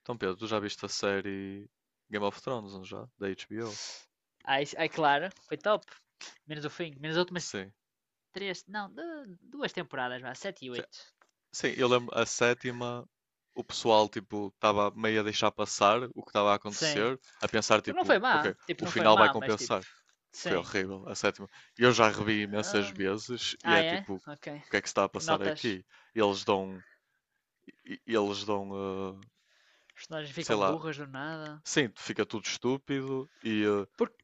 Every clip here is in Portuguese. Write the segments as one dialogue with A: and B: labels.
A: Então, Pedro, tu já viste a série Game of Thrones, não já? Da HBO?
B: Aí claro, foi top. Menos o fim, menos as últimas
A: Sim.
B: três, não, duas temporadas, vá, sete e
A: Sim,
B: oito.
A: sim, eu lembro a sétima, o pessoal tipo estava meio a deixar passar o que estava a
B: Sim.
A: acontecer, a pensar
B: Porque não foi
A: tipo,
B: má,
A: ok,
B: tipo,
A: o
B: não foi
A: final vai
B: má, mas tipo,
A: compensar. Foi
B: sim.
A: horrível a sétima. Eu já revi imensas
B: Hum,
A: vezes e
B: ah,
A: é
B: é?
A: tipo, o
B: Ok.
A: que é que se está a passar
B: Notas.
A: aqui? Eles dão, eles dão,
B: Os personagens
A: sei
B: ficam
A: lá,
B: burras do nada.
A: sim, fica tudo estúpido e
B: Porque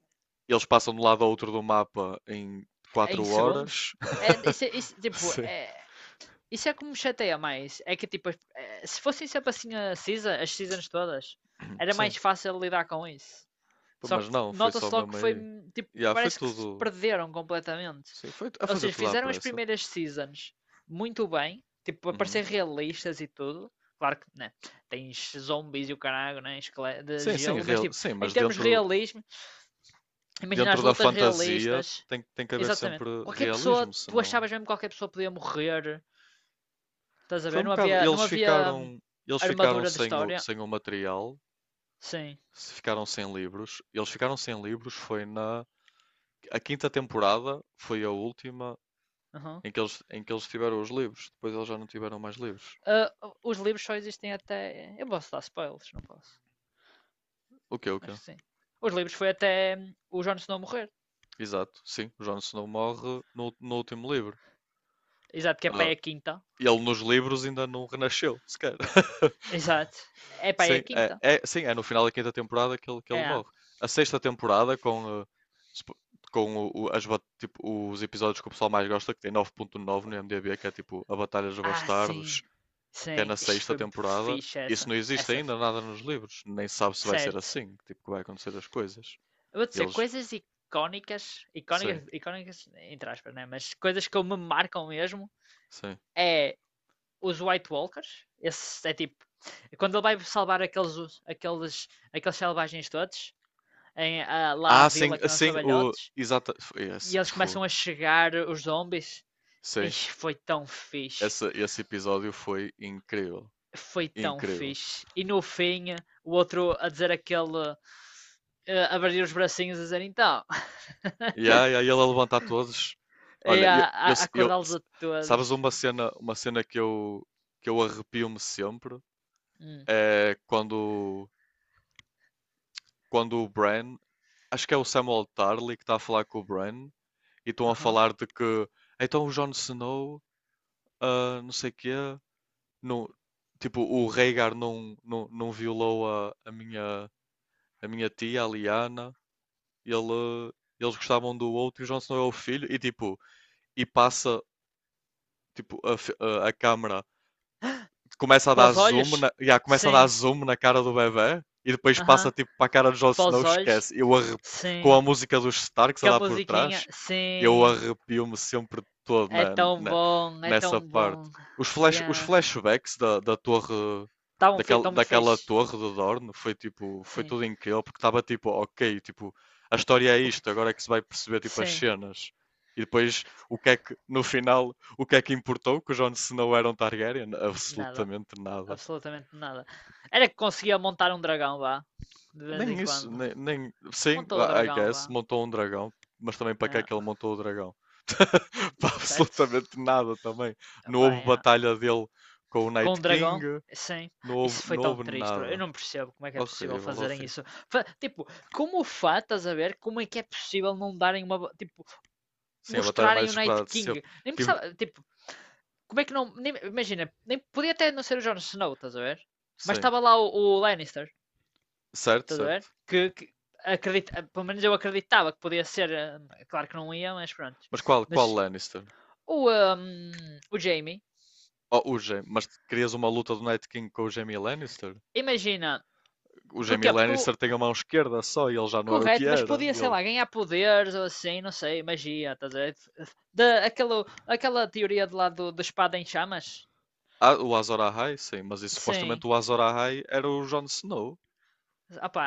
A: eles passam de um lado ao outro do mapa em
B: em
A: 4
B: segundos?
A: horas.
B: É, isso, isso, tipo,
A: Sim.
B: isso é como me chateia mais. É que tipo, se fossem sempre assim as seasons todas, era mais
A: Sim,
B: fácil lidar com isso.
A: pô,
B: Só que
A: mas não, foi só
B: nota-se logo
A: mesmo
B: que foi
A: aí.
B: tipo,
A: Yeah, foi
B: parece que se
A: tudo.
B: perderam completamente.
A: Sim, foi a
B: Ou
A: fazer
B: seja,
A: tudo à
B: fizeram as
A: pressa.
B: primeiras seasons muito bem, tipo, a
A: Uhum.
B: parecer realistas e tudo. Claro que, né, tens zombies e o caralho, né, de
A: Sim, sim,
B: gelo, mas
A: real-
B: tipo,
A: sim,
B: em
A: mas
B: termos de
A: dentro,
B: realismo, imagina
A: dentro
B: as
A: da
B: lutas
A: fantasia
B: realistas.
A: tem que haver sempre
B: Exatamente. Qualquer pessoa,
A: realismo,
B: tu
A: senão.
B: achavas mesmo que qualquer pessoa podia morrer, estás a
A: Foi
B: ver?
A: um
B: Não
A: bocado.
B: havia, não
A: Eles
B: havia
A: ficaram, eles ficaram
B: armadura de
A: sem o,
B: história.
A: sem o material,
B: Sim.
A: se ficaram sem livros. Eles ficaram sem livros, foi na. A quinta temporada foi a última
B: Aham.
A: em que eles tiveram os livros. Depois eles já não tiveram mais livros.
B: Ah, os livros só existem até. Eu posso dar spoilers, não posso.
A: O quê?
B: Acho que sim. Os livros foi até o Jon Snow morrer.
A: Exato, sim. O Jon Snow morre no, no último livro.
B: Exato, que é para aí
A: Ah,
B: a quinta.
A: ele nos livros ainda não renasceu, sequer.
B: Exato. É para aí a
A: Sim, é,
B: quinta.
A: é- sim, é no final da quinta temporada que ele
B: É.
A: morre. A sexta temporada, com, supo- com o- as bat- tipo, os episódios que o pessoal mais gosta, que tem 9.9 no IMDb, que é tipo A Batalha dos
B: Ah,
A: Bastardos,
B: sim.
A: que é na
B: Sim. Ixi,
A: sexta
B: foi muito
A: temporada,
B: fixe
A: isso
B: essa.
A: não existe
B: Essa.
A: ainda nada nos livros. Nem se sabe se vai ser
B: Certo.
A: assim, tipo, que vai acontecer as coisas.
B: Eu vou dizer,
A: Eles,
B: coisas icónicas.
A: sim,
B: Icónicas, icónicas, entre aspas, né? Mas coisas que me marcam mesmo
A: sim.
B: é os White Walkers. Esse é tipo. Quando ele vai salvar aqueles selvagens todos, lá à
A: Ah, sim,
B: vila que não são
A: sim, o.
B: velhotes,
A: Exata. Foi
B: e
A: esse,
B: eles começam a chegar, os zombies,
A: sim,
B: Ixi, foi tão fixe.
A: esse episódio foi incrível.
B: Foi tão
A: Incrível.
B: fixe. E no fim, o outro a dizer aquele. A abrir os bracinhos a dizer então.
A: E aí, aí ele a levantar todos.
B: E
A: Olha,
B: a,
A: eu,
B: a,
A: eu,
B: a
A: eu
B: acordá-los a todos.
A: sabes uma cena que eu arrepio-me sempre
B: Hum,
A: é quando, quando o Bran, acho que é o Samuel Tarly que está a falar com o Bran e estão a
B: aham.
A: falar de que então o Jon Snow, ah, não sei quê, não, tipo, o Rhaegar não violou a minha tia, a Liana, ele, eles gostavam do outro e o Jon Snow é o filho, e tipo, e passa tipo, a câmera começa a
B: Para
A: dar
B: os
A: zoom
B: olhos?
A: na, yeah, começa a dar
B: Sim.
A: zoom na cara do bebê e depois passa
B: Aham.
A: tipo para a cara do Jon
B: Para
A: Snow,
B: os olhos?
A: esquece. Eu arrep... com a
B: Sim.
A: música dos Starks a
B: Que a
A: dar por
B: musiquinha?
A: trás, eu
B: Sim.
A: arrepio-me sempre todo
B: É
A: na,
B: tão
A: na,
B: bom, é
A: nessa
B: tão
A: parte.
B: bom.
A: Os, flash, os
B: Yeah.
A: flashbacks da, da torre
B: Estavam tão
A: daquela,
B: muito
A: daquela
B: fixe.
A: torre do Dorne foi tipo, foi
B: Sim.
A: tudo incrível porque estava tipo, ok, tipo, a história é
B: O que-
A: isto, agora é que se vai perceber tipo as
B: Sim.
A: cenas. E depois o que é que no final o que é que importou que o Jon Snow era um Targaryen?
B: Nada.
A: Absolutamente nada.
B: Absolutamente nada. Era que conseguia montar um dragão, vá. De vez
A: Nem
B: em
A: isso,
B: quando.
A: nem, nem... Sim,
B: Montou o
A: I
B: dragão,
A: guess,
B: vá.
A: montou um dragão, mas também para que é
B: É,
A: que ele montou o dragão? para
B: certo?
A: absolutamente nada também. Não
B: Epá,
A: houve
B: é.
A: batalha dele com o
B: Com
A: Night
B: um dragão,
A: King,
B: sim.
A: não houve,
B: Isso foi
A: não
B: tão
A: houve
B: triste. Eu
A: nada.
B: não percebo como é que é possível
A: Horrível,
B: fazerem
A: horrível.
B: isso. Tipo, como o Fá, estás a ver? Como é que é possível não darem uma. Tipo,
A: Sim, a batalha
B: mostrarem
A: mais
B: o Night
A: esperada de sempre.
B: King? Nem
A: Tive...
B: precisava. Tipo, como é que não. Imagina, nem, podia até não ser o Jon Snow, estás a ver? Mas
A: Sim,
B: estava lá o Lannister.
A: certo,
B: Estás a ver?
A: certo.
B: Que acredita, pelo menos eu acreditava que podia ser, claro que não ia, mas pronto.
A: Mas qual,
B: Mas
A: qual Lannister?
B: o, ehm, o Jamie,
A: Oh, o Jaime. Mas querias uma luta do Night King com o Jaime Lannister?
B: imagina,
A: O Jamie
B: porquê? Porque
A: Lannister tem a mão esquerda só e ele já não era o que
B: correto, mas
A: era.
B: podia, sei
A: Ele...
B: lá, ganhar poderes ou assim, não sei, magia, estás a ver? Aquela teoria de lá da espada em chamas?
A: Ah, o Azor Ahai, sim, mas e, supostamente
B: Sim.
A: o Azor Ahai era o Jon Snow.
B: Ah pá,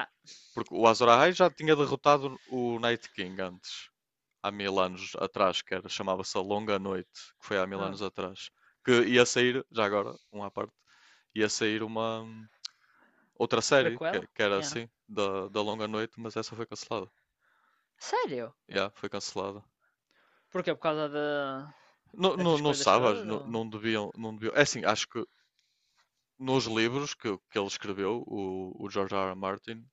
A: Porque o Azor Ahai já tinha derrotado o Night King antes, há 1000 anos atrás, que era, chamava-se A Longa Noite, que foi há mil
B: hum,
A: anos atrás. Que ia sair, já agora, um à parte, ia sair uma outra série,
B: prequela?
A: que era
B: Yeah.
A: assim, da, da Longa Noite, mas essa foi cancelada.
B: Sério?
A: Já, foi cancelada.
B: Porquê? Por causa
A: Não, não,
B: dessas
A: não
B: coisas
A: sabes,
B: todas?
A: não,
B: Ou...
A: não deviam, não deviam. É assim, acho que nos livros que ele escreveu, o George R. R. Martin,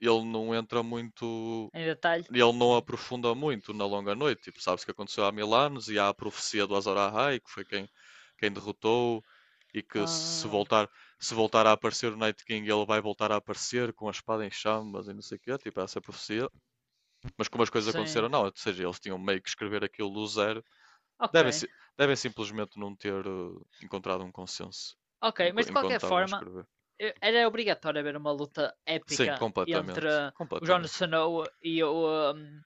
A: ele não entra muito,
B: Em detalhe?
A: ele não
B: Hum.
A: aprofunda muito na Longa Noite. Tipo, sabes que aconteceu há 1000 anos e há a profecia do Azor Ahai, que foi quem, quem derrotou, e que se
B: Ah,
A: voltar, se voltar a aparecer o Night King, ele vai voltar a aparecer com a espada em chamas e não sei o quê, tipo, essa profecia. Mas como as coisas aconteceram,
B: sim.
A: não. Ou seja, eles tinham meio que escrever aquilo do zero.
B: Ok.
A: Devem, devem simplesmente não ter encontrado um consenso
B: Ok, mas de
A: enquanto
B: qualquer
A: estavam a
B: forma,
A: escrever.
B: era obrigatório haver uma luta
A: Sim,
B: épica entre
A: completamente.
B: o Jon
A: Completamente.
B: Snow e o, um,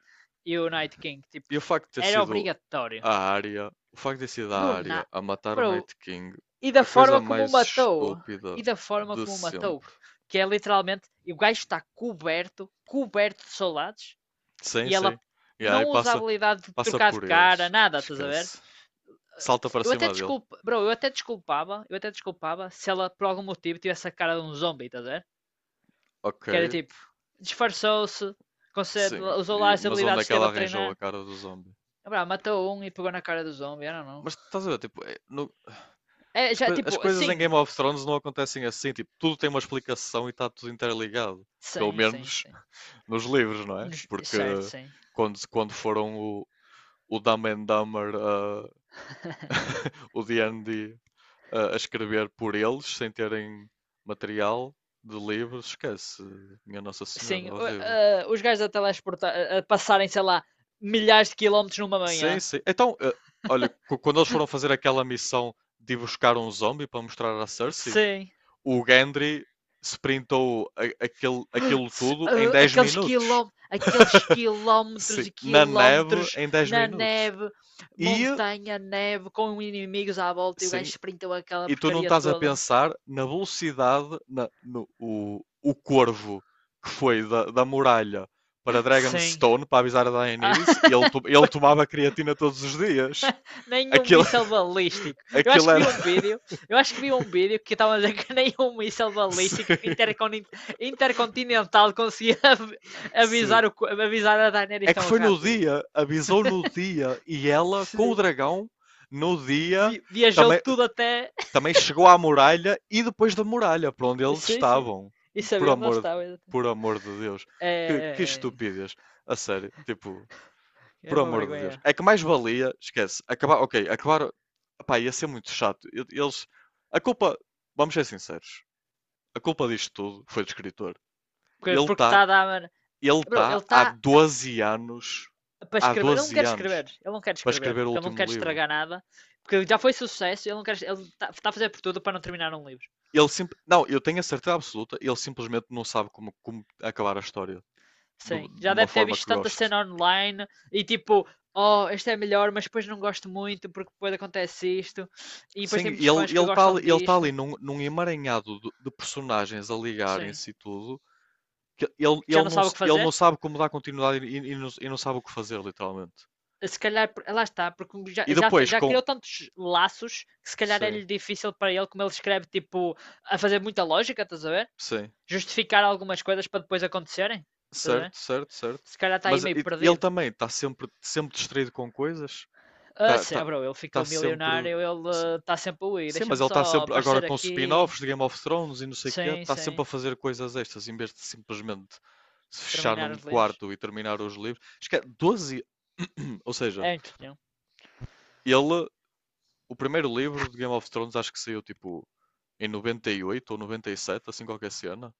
B: e o Night King. Tipo,
A: E o facto de ter
B: era
A: sido
B: obrigatório.
A: a área, o facto de ter sido a
B: Do
A: área
B: na...
A: a matar o
B: Bro,
A: Night King,
B: e da
A: a coisa
B: forma como o
A: mais
B: matou. E
A: estúpida
B: da forma
A: de
B: como o matou.
A: sempre.
B: Que é literalmente, e o gajo está coberto, coberto de soldados,
A: Sim,
B: e ela
A: sim. E aí
B: não usa a
A: passa,
B: habilidade de
A: passa
B: trocar de
A: por
B: cara,
A: eles,
B: nada, estás a ver?
A: esquece. Salta para
B: Eu até
A: cima dele.
B: desculpa, bro, eu até desculpava, se ela por algum motivo tivesse a cara de um zombie, estás a ver? Que era
A: Ok,
B: tipo, disfarçou-se,
A: sim.
B: usou lá
A: E-
B: as
A: mas onde
B: habilidades
A: é
B: que
A: que
B: esteve
A: ela
B: a
A: arranjou a
B: treinar.
A: cara do zombie?
B: Ah, pá, matou um e pegou na cara do zombie, I não. know.
A: Mas estás a ver, tipo, é- no-
B: É,
A: as,
B: já,
A: coi- as
B: tipo,
A: coisas em
B: sim.
A: Game of Thrones não acontecem assim, tipo, tudo tem uma explicação e está tudo interligado. Pelo
B: Sim, sim,
A: menos
B: sim.
A: nos livros, não é? Porque
B: Certo, sim.
A: quando, quando foram o Dumb and Dumber, o D&D, a escrever por eles, sem terem material de livros, esquece. Minha Nossa
B: Sim,
A: Senhora, horrível.
B: os gajos a teleportar, a passarem, sei lá, milhares de quilómetros numa manhã.
A: Sim, sim. Então, olha, cu- quando eles foram fazer aquela missão de ir buscar um zombie para mostrar à Cersei,
B: Sim.
A: o Gendry sprintou a- aquele, aquilo
B: Se-
A: tudo em
B: ah,
A: 10
B: aqueles
A: minutos.
B: quilómetros, aqueles
A: Sim,
B: quilómetros e
A: na neve
B: quilómetros
A: em 10
B: na
A: minutos.
B: neve,
A: E,
B: montanha, neve, com inimigos à volta e o gajo
A: sim,
B: sprintou aquela
A: e tu não
B: porcaria
A: estás a
B: toda.
A: pensar na velocidade, na- no, o corvo que foi da, da muralha para
B: Sim.
A: Dragonstone para avisar a
B: Ah,
A: Daenerys, ele, ele
B: foi
A: tomava creatina todos os dias.
B: nenhum
A: Aquilo,
B: míssel balístico. Eu acho
A: aquilo
B: que vi
A: era.
B: um vídeo, eu acho que vi um vídeo que estava a dizer que nenhum míssel
A: Sim,
B: balístico intercontinental conseguia
A: sim.
B: avisar a
A: É
B: Daenerys
A: que
B: tão
A: foi no
B: rápido.
A: dia, avisou no dia, e ela com o
B: Sim.
A: dragão, no dia,
B: Viajou
A: também
B: tudo até.
A: também chegou à muralha e depois da muralha, para onde eles
B: Sim, sim.
A: estavam.
B: E
A: Por
B: sabia onde ela
A: amor,
B: estava. Exatamente.
A: por amor de Deus. Que
B: É,
A: estupidez. A sério, tipo,
B: é
A: por
B: uma
A: amor de Deus.
B: vergonha.
A: É que mais valia, esquece, acabar, ok, acabar, pá, ia ser muito chato. Eles, a culpa, vamos ser sinceros, a culpa disto tudo foi do escritor.
B: Porque,
A: Ele
B: porque está
A: está
B: a dar.
A: ele
B: Bro, ele
A: tá
B: está
A: há 12 anos,
B: para
A: há
B: escrever. Ele não
A: 12
B: quer
A: anos,
B: escrever. Ele não quer
A: para
B: escrever.
A: escrever o
B: Porque ele não quer
A: último livro.
B: estragar nada. Porque já foi sucesso. Ele não quer. Ele está tá a fazer por tudo para não terminar um livro.
A: Ele sim, não, eu tenho a certeza absoluta, ele simplesmente não sabe como, como acabar a história do-
B: Sim.
A: de
B: Já
A: uma
B: deve ter
A: forma
B: visto
A: que
B: tanta
A: gosto.
B: cena online e tipo. Oh, este é melhor, mas depois não gosto muito porque depois acontece isto. E depois tem
A: Sim, ele
B: muitos fãs
A: ele
B: que
A: está
B: gostam
A: ele ele tá
B: disto.
A: ali num, num emaranhado de personagens a
B: Sim.
A: ligarem-se e tudo, que ele,
B: Que já não sabe o que
A: ele não
B: fazer.
A: sabe como dar continuidade e não sabe o que fazer, literalmente.
B: Se calhar, lá está, porque já,
A: E
B: já,
A: depois
B: já
A: com.
B: criou tantos laços que se calhar
A: Sim,
B: é-lhe difícil para ele, como ele escreve, tipo, a fazer muita lógica, estás a ver?
A: sim.
B: Justificar algumas coisas para depois acontecerem, estás a ver?
A: Certo, certo, certo.
B: Se calhar está aí
A: Mas
B: meio
A: ele
B: perdido.
A: também está sempre, sempre distraído com coisas.
B: Ah,
A: Está
B: sim,
A: tá,
B: ah,
A: tá
B: bro, ele
A: tá
B: ficou
A: sempre.
B: milionário, ele está sempre a ir.
A: Sim, mas
B: Deixa-me
A: ele está
B: só
A: sempre agora
B: aparecer
A: com
B: aqui.
A: spin-offs de Game of Thrones e não sei o quê,
B: Sim,
A: está sempre a
B: sim.
A: fazer coisas extras em vez de simplesmente se fechar
B: Terminar
A: num
B: os livros.
A: quarto e terminar os livros. Acho que é 12, ou seja,
B: É impossível.
A: ele, o primeiro livro de Game of Thrones acho que saiu tipo em 98 ou 97, assim qualquer cena.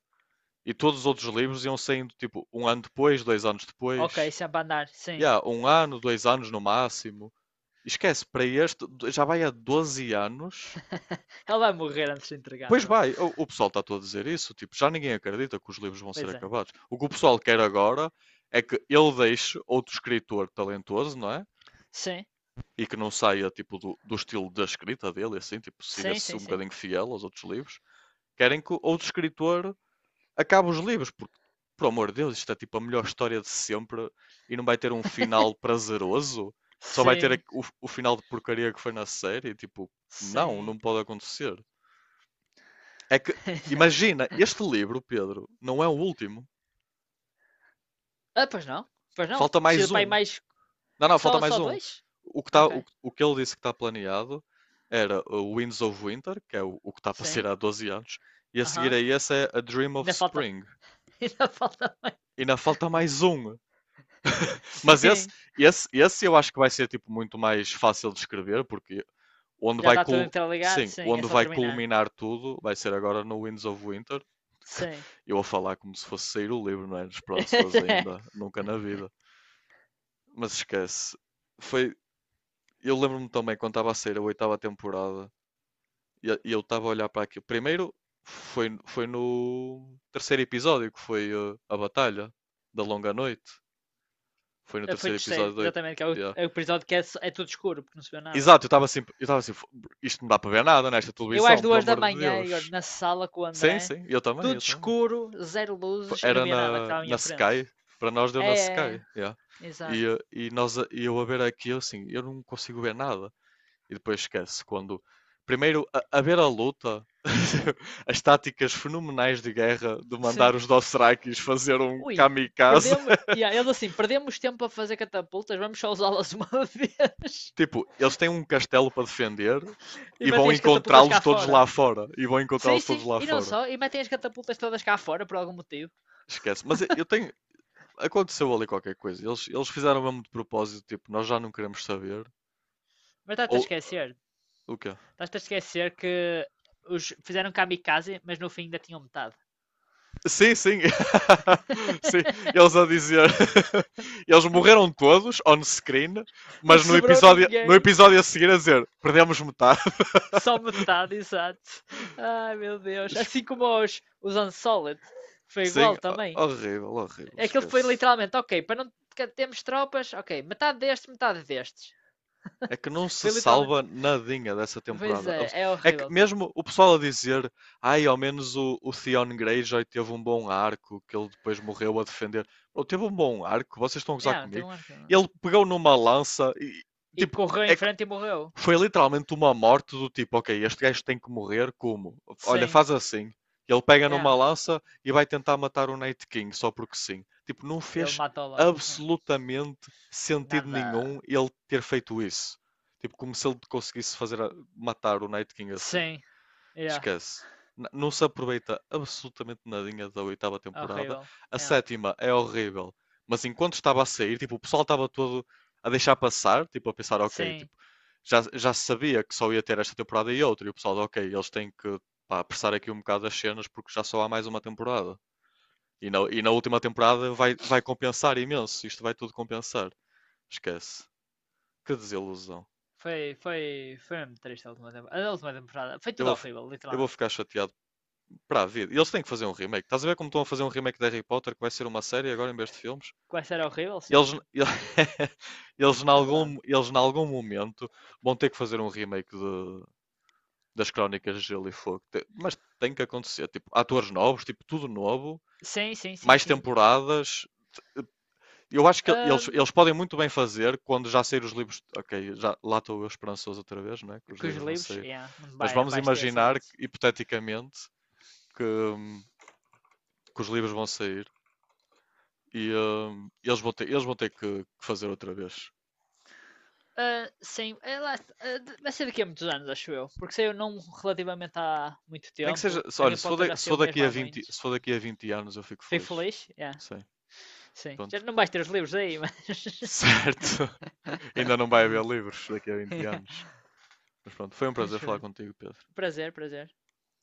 A: E todos os outros livros iam saindo tipo um ano depois, 2 anos
B: Ok,
A: depois.
B: sempre a andar, sim.
A: Yeah, um ano, 2 anos no máximo. Esquece, para este já vai há 12 anos.
B: Ele vai morrer antes de entregar,
A: Pois
B: bro.
A: vai, o pessoal está todo a dizer isso, tipo, já ninguém acredita que os livros vão ser
B: Pois é.
A: acabados. O que o pessoal quer agora é que ele deixe outro escritor talentoso, não é?
B: Sim,
A: E que não saia, tipo, do, do estilo da escrita dele, assim, tipo,
B: sim,
A: siga-se um
B: sim, sim.
A: bocadinho fiel aos outros livros. Querem que outro escritor acabe os livros, porque, por amor de Deus, isto é, tipo, a melhor história de sempre e não vai ter um final prazeroso? Só vai ter
B: Sim,
A: o final de porcaria que foi na série? Tipo, não,
B: sim.
A: não pode acontecer. É que, imagina, este livro, Pedro, não é o último.
B: Ah, pois não. Pois não.
A: Falta
B: Precisa
A: mais
B: para aí
A: um.
B: mais.
A: Não, não, falta
B: Só,
A: mais
B: só
A: um.
B: dois?
A: O que, tá,
B: Ok.
A: o que ele disse que está planeado era o Winds of Winter, que é o que está para ser
B: Sim.
A: há 12 anos, e a
B: Aham.
A: seguir
B: Uhum.
A: a esse é A Dream of
B: Ainda falta.
A: Spring.
B: Ainda falta mais.
A: E ainda falta mais um. Mas esse,
B: Sim.
A: esse eu acho que vai ser tipo muito mais fácil de escrever, porque onde
B: Já
A: vai,
B: está tudo
A: cul-
B: interligado?
A: sim,
B: Sim, é
A: onde
B: só
A: vai
B: terminar.
A: culminar tudo vai ser agora no Winds of Winter.
B: Sim.
A: Eu a falar como se fosse sair o livro, não é? Esperanças ainda, nunca na vida. Mas esquece. Foi, eu lembro-me também quando estava a sair a oitava temporada e eu estava a olhar para aquilo. Primeiro foi, foi no terceiro episódio que foi a batalha da Longa Noite. Foi no
B: Foi
A: terceiro
B: terceiro,
A: episódio da oit-
B: exatamente, que
A: yeah.
B: é o episódio que é tudo escuro, porque não se vê nada.
A: Exato, eu estava assim, isto não dá para ver nada nesta
B: Eu às
A: televisão, por
B: 2 da
A: amor de
B: manhã, Igor,
A: Deus.
B: na sala com o
A: Sim,
B: André,
A: sim, eu também,
B: tudo
A: eu também.
B: escuro, zero
A: Fo-
B: luzes e não
A: Era
B: via nada que
A: na,
B: estava à
A: na
B: minha frente.
A: Sky, para nós deu na
B: É, é,
A: Sky,
B: é,
A: yeah.
B: exato.
A: E, e, nós, a- e eu a ver aqui, eu assim, eu não consigo ver nada. E depois esquece, quando... Primeiro, a ver a luta, as táticas fenomenais de guerra de
B: Sim.
A: mandar os Dothrakis fazer um
B: Ui,
A: kamikaze.
B: perdemos. Yeah, eles assim, perdemos tempo a fazer catapultas, vamos só usá-las uma vez
A: Tipo, eles têm um castelo para defender
B: e
A: e
B: metem
A: vão
B: as catapultas
A: encontrá-los
B: cá
A: todos
B: fora.
A: lá fora. E vão
B: Sim,
A: encontrá-los todos
B: sim,
A: lá
B: e não
A: fora.
B: só, e metem as catapultas todas cá fora por algum motivo.
A: Esquece. Mas eu tenho, aconteceu ali qualquer coisa. Eles fizeram mesmo de propósito, tipo, nós já não queremos saber.
B: Mas estás-te
A: Ou
B: a esquecer,
A: o quê?
B: estás-te a esquecer que os fizeram kamikaze, mas no fim ainda tinham metade.
A: Sim, sim. sim, eles a dizer. eles morreram todos on screen,
B: Não
A: mas no
B: sobrou
A: episódio, no
B: ninguém.
A: episódio a seguir a dizer perdemos metade.
B: Só metade, exato. Ai meu Deus. Assim como os Unsolid. Foi
A: sim,
B: igual também.
A: horrível, horrível,
B: Aquilo foi
A: esquece.
B: literalmente, ok, para não termos tropas, ok, metade destes, metade destes.
A: É que não se
B: Foi literalmente.
A: salva nadinha dessa
B: Pois
A: temporada.
B: é
A: É que
B: horrível tudo.
A: mesmo o pessoal a dizer, ai, ao menos o Theon Greyjoy teve um bom arco, que ele depois morreu a defender. Ele teve um bom arco, vocês estão a gozar
B: Yeah, não teve
A: comigo.
B: um arco.
A: Ele pegou numa lança e,
B: E
A: tipo,
B: correu
A: é
B: em
A: que
B: frente e morreu.
A: foi literalmente uma morte do tipo, ok, este gajo tem que morrer, como? Olha,
B: Sim,
A: faz assim. Ele pega
B: yeah.
A: numa lança e vai tentar matar o Night King só porque sim. Tipo, não
B: Ele
A: fez
B: matou logo. Yeah.
A: absolutamente sentido nenhum
B: Nada.
A: ele ter feito isso. Tipo, como se ele conseguisse fazer a- matar o Night King assim.
B: Sim, yeah.
A: Esquece. N- Não se aproveita absolutamente nadinha da oitava temporada.
B: Horrível.
A: A
B: Yeah.
A: sétima é horrível. Mas enquanto estava a sair, tipo, o pessoal estava todo a deixar passar, tipo, a pensar, ok,
B: Sim,
A: tipo, já, já se sabia que só ia ter esta temporada e outra. E o pessoal, ok, eles têm que, pá, apressar aqui um bocado as cenas porque já só há mais uma temporada. E na última temporada vai, vai compensar imenso. Isto vai tudo compensar. Esquece. Que desilusão.
B: foi mesmo triste a última temporada. A última temporada. Foi
A: Eu
B: tudo
A: vou, fi-
B: horrível,
A: eu vou
B: literalmente.
A: ficar chateado para a vida. E eles têm que fazer um remake. Estás a ver como estão a fazer um remake de Harry Potter, que vai ser uma série agora em vez de filmes?
B: Quase era horrível, sim.
A: Eles, eles,
B: É verdade.
A: eles em algum momento vão ter que fazer um remake de, das Crónicas de Gelo e Fogo. Te- Mas tem que acontecer. Tipo, atores novos, tipo, tudo novo,
B: Sim, sim, sim,
A: mais
B: sim.
A: temporadas. Eu acho que eles
B: Ahm,
A: podem muito bem fazer quando já sair os livros. Ok, já, lá estou eu esperançoso outra vez, né? Que os
B: com os
A: livros vão
B: livros,
A: sair.
B: yeah, não,
A: Mas
B: não
A: vamos
B: vais ter
A: imaginar,
B: sorte.
A: hipoteticamente, que, hum, que os livros vão sair e eles vão ter que fazer outra vez.
B: Ah, sim, ah, vai ser daqui a muitos anos, acho eu. Porque saiu não relativamente há muito
A: Nem que seja,
B: tempo.
A: olha,
B: Harry
A: se for,
B: Potter
A: da-
B: já
A: se for
B: saiu
A: daqui
B: mesmo
A: a
B: há
A: 20
B: muitos.
A: se for daqui a 20 anos eu fico
B: Fico
A: feliz.
B: feliz? Yeah,
A: Sei,
B: sim. Já
A: pronto.
B: não vais ter os livros aí, mas.
A: Certo. Ainda não vai haver livros daqui a vinte
B: Yeah.
A: anos. Mas pronto, foi um prazer falar contigo, Pedro.
B: Prazer, prazer.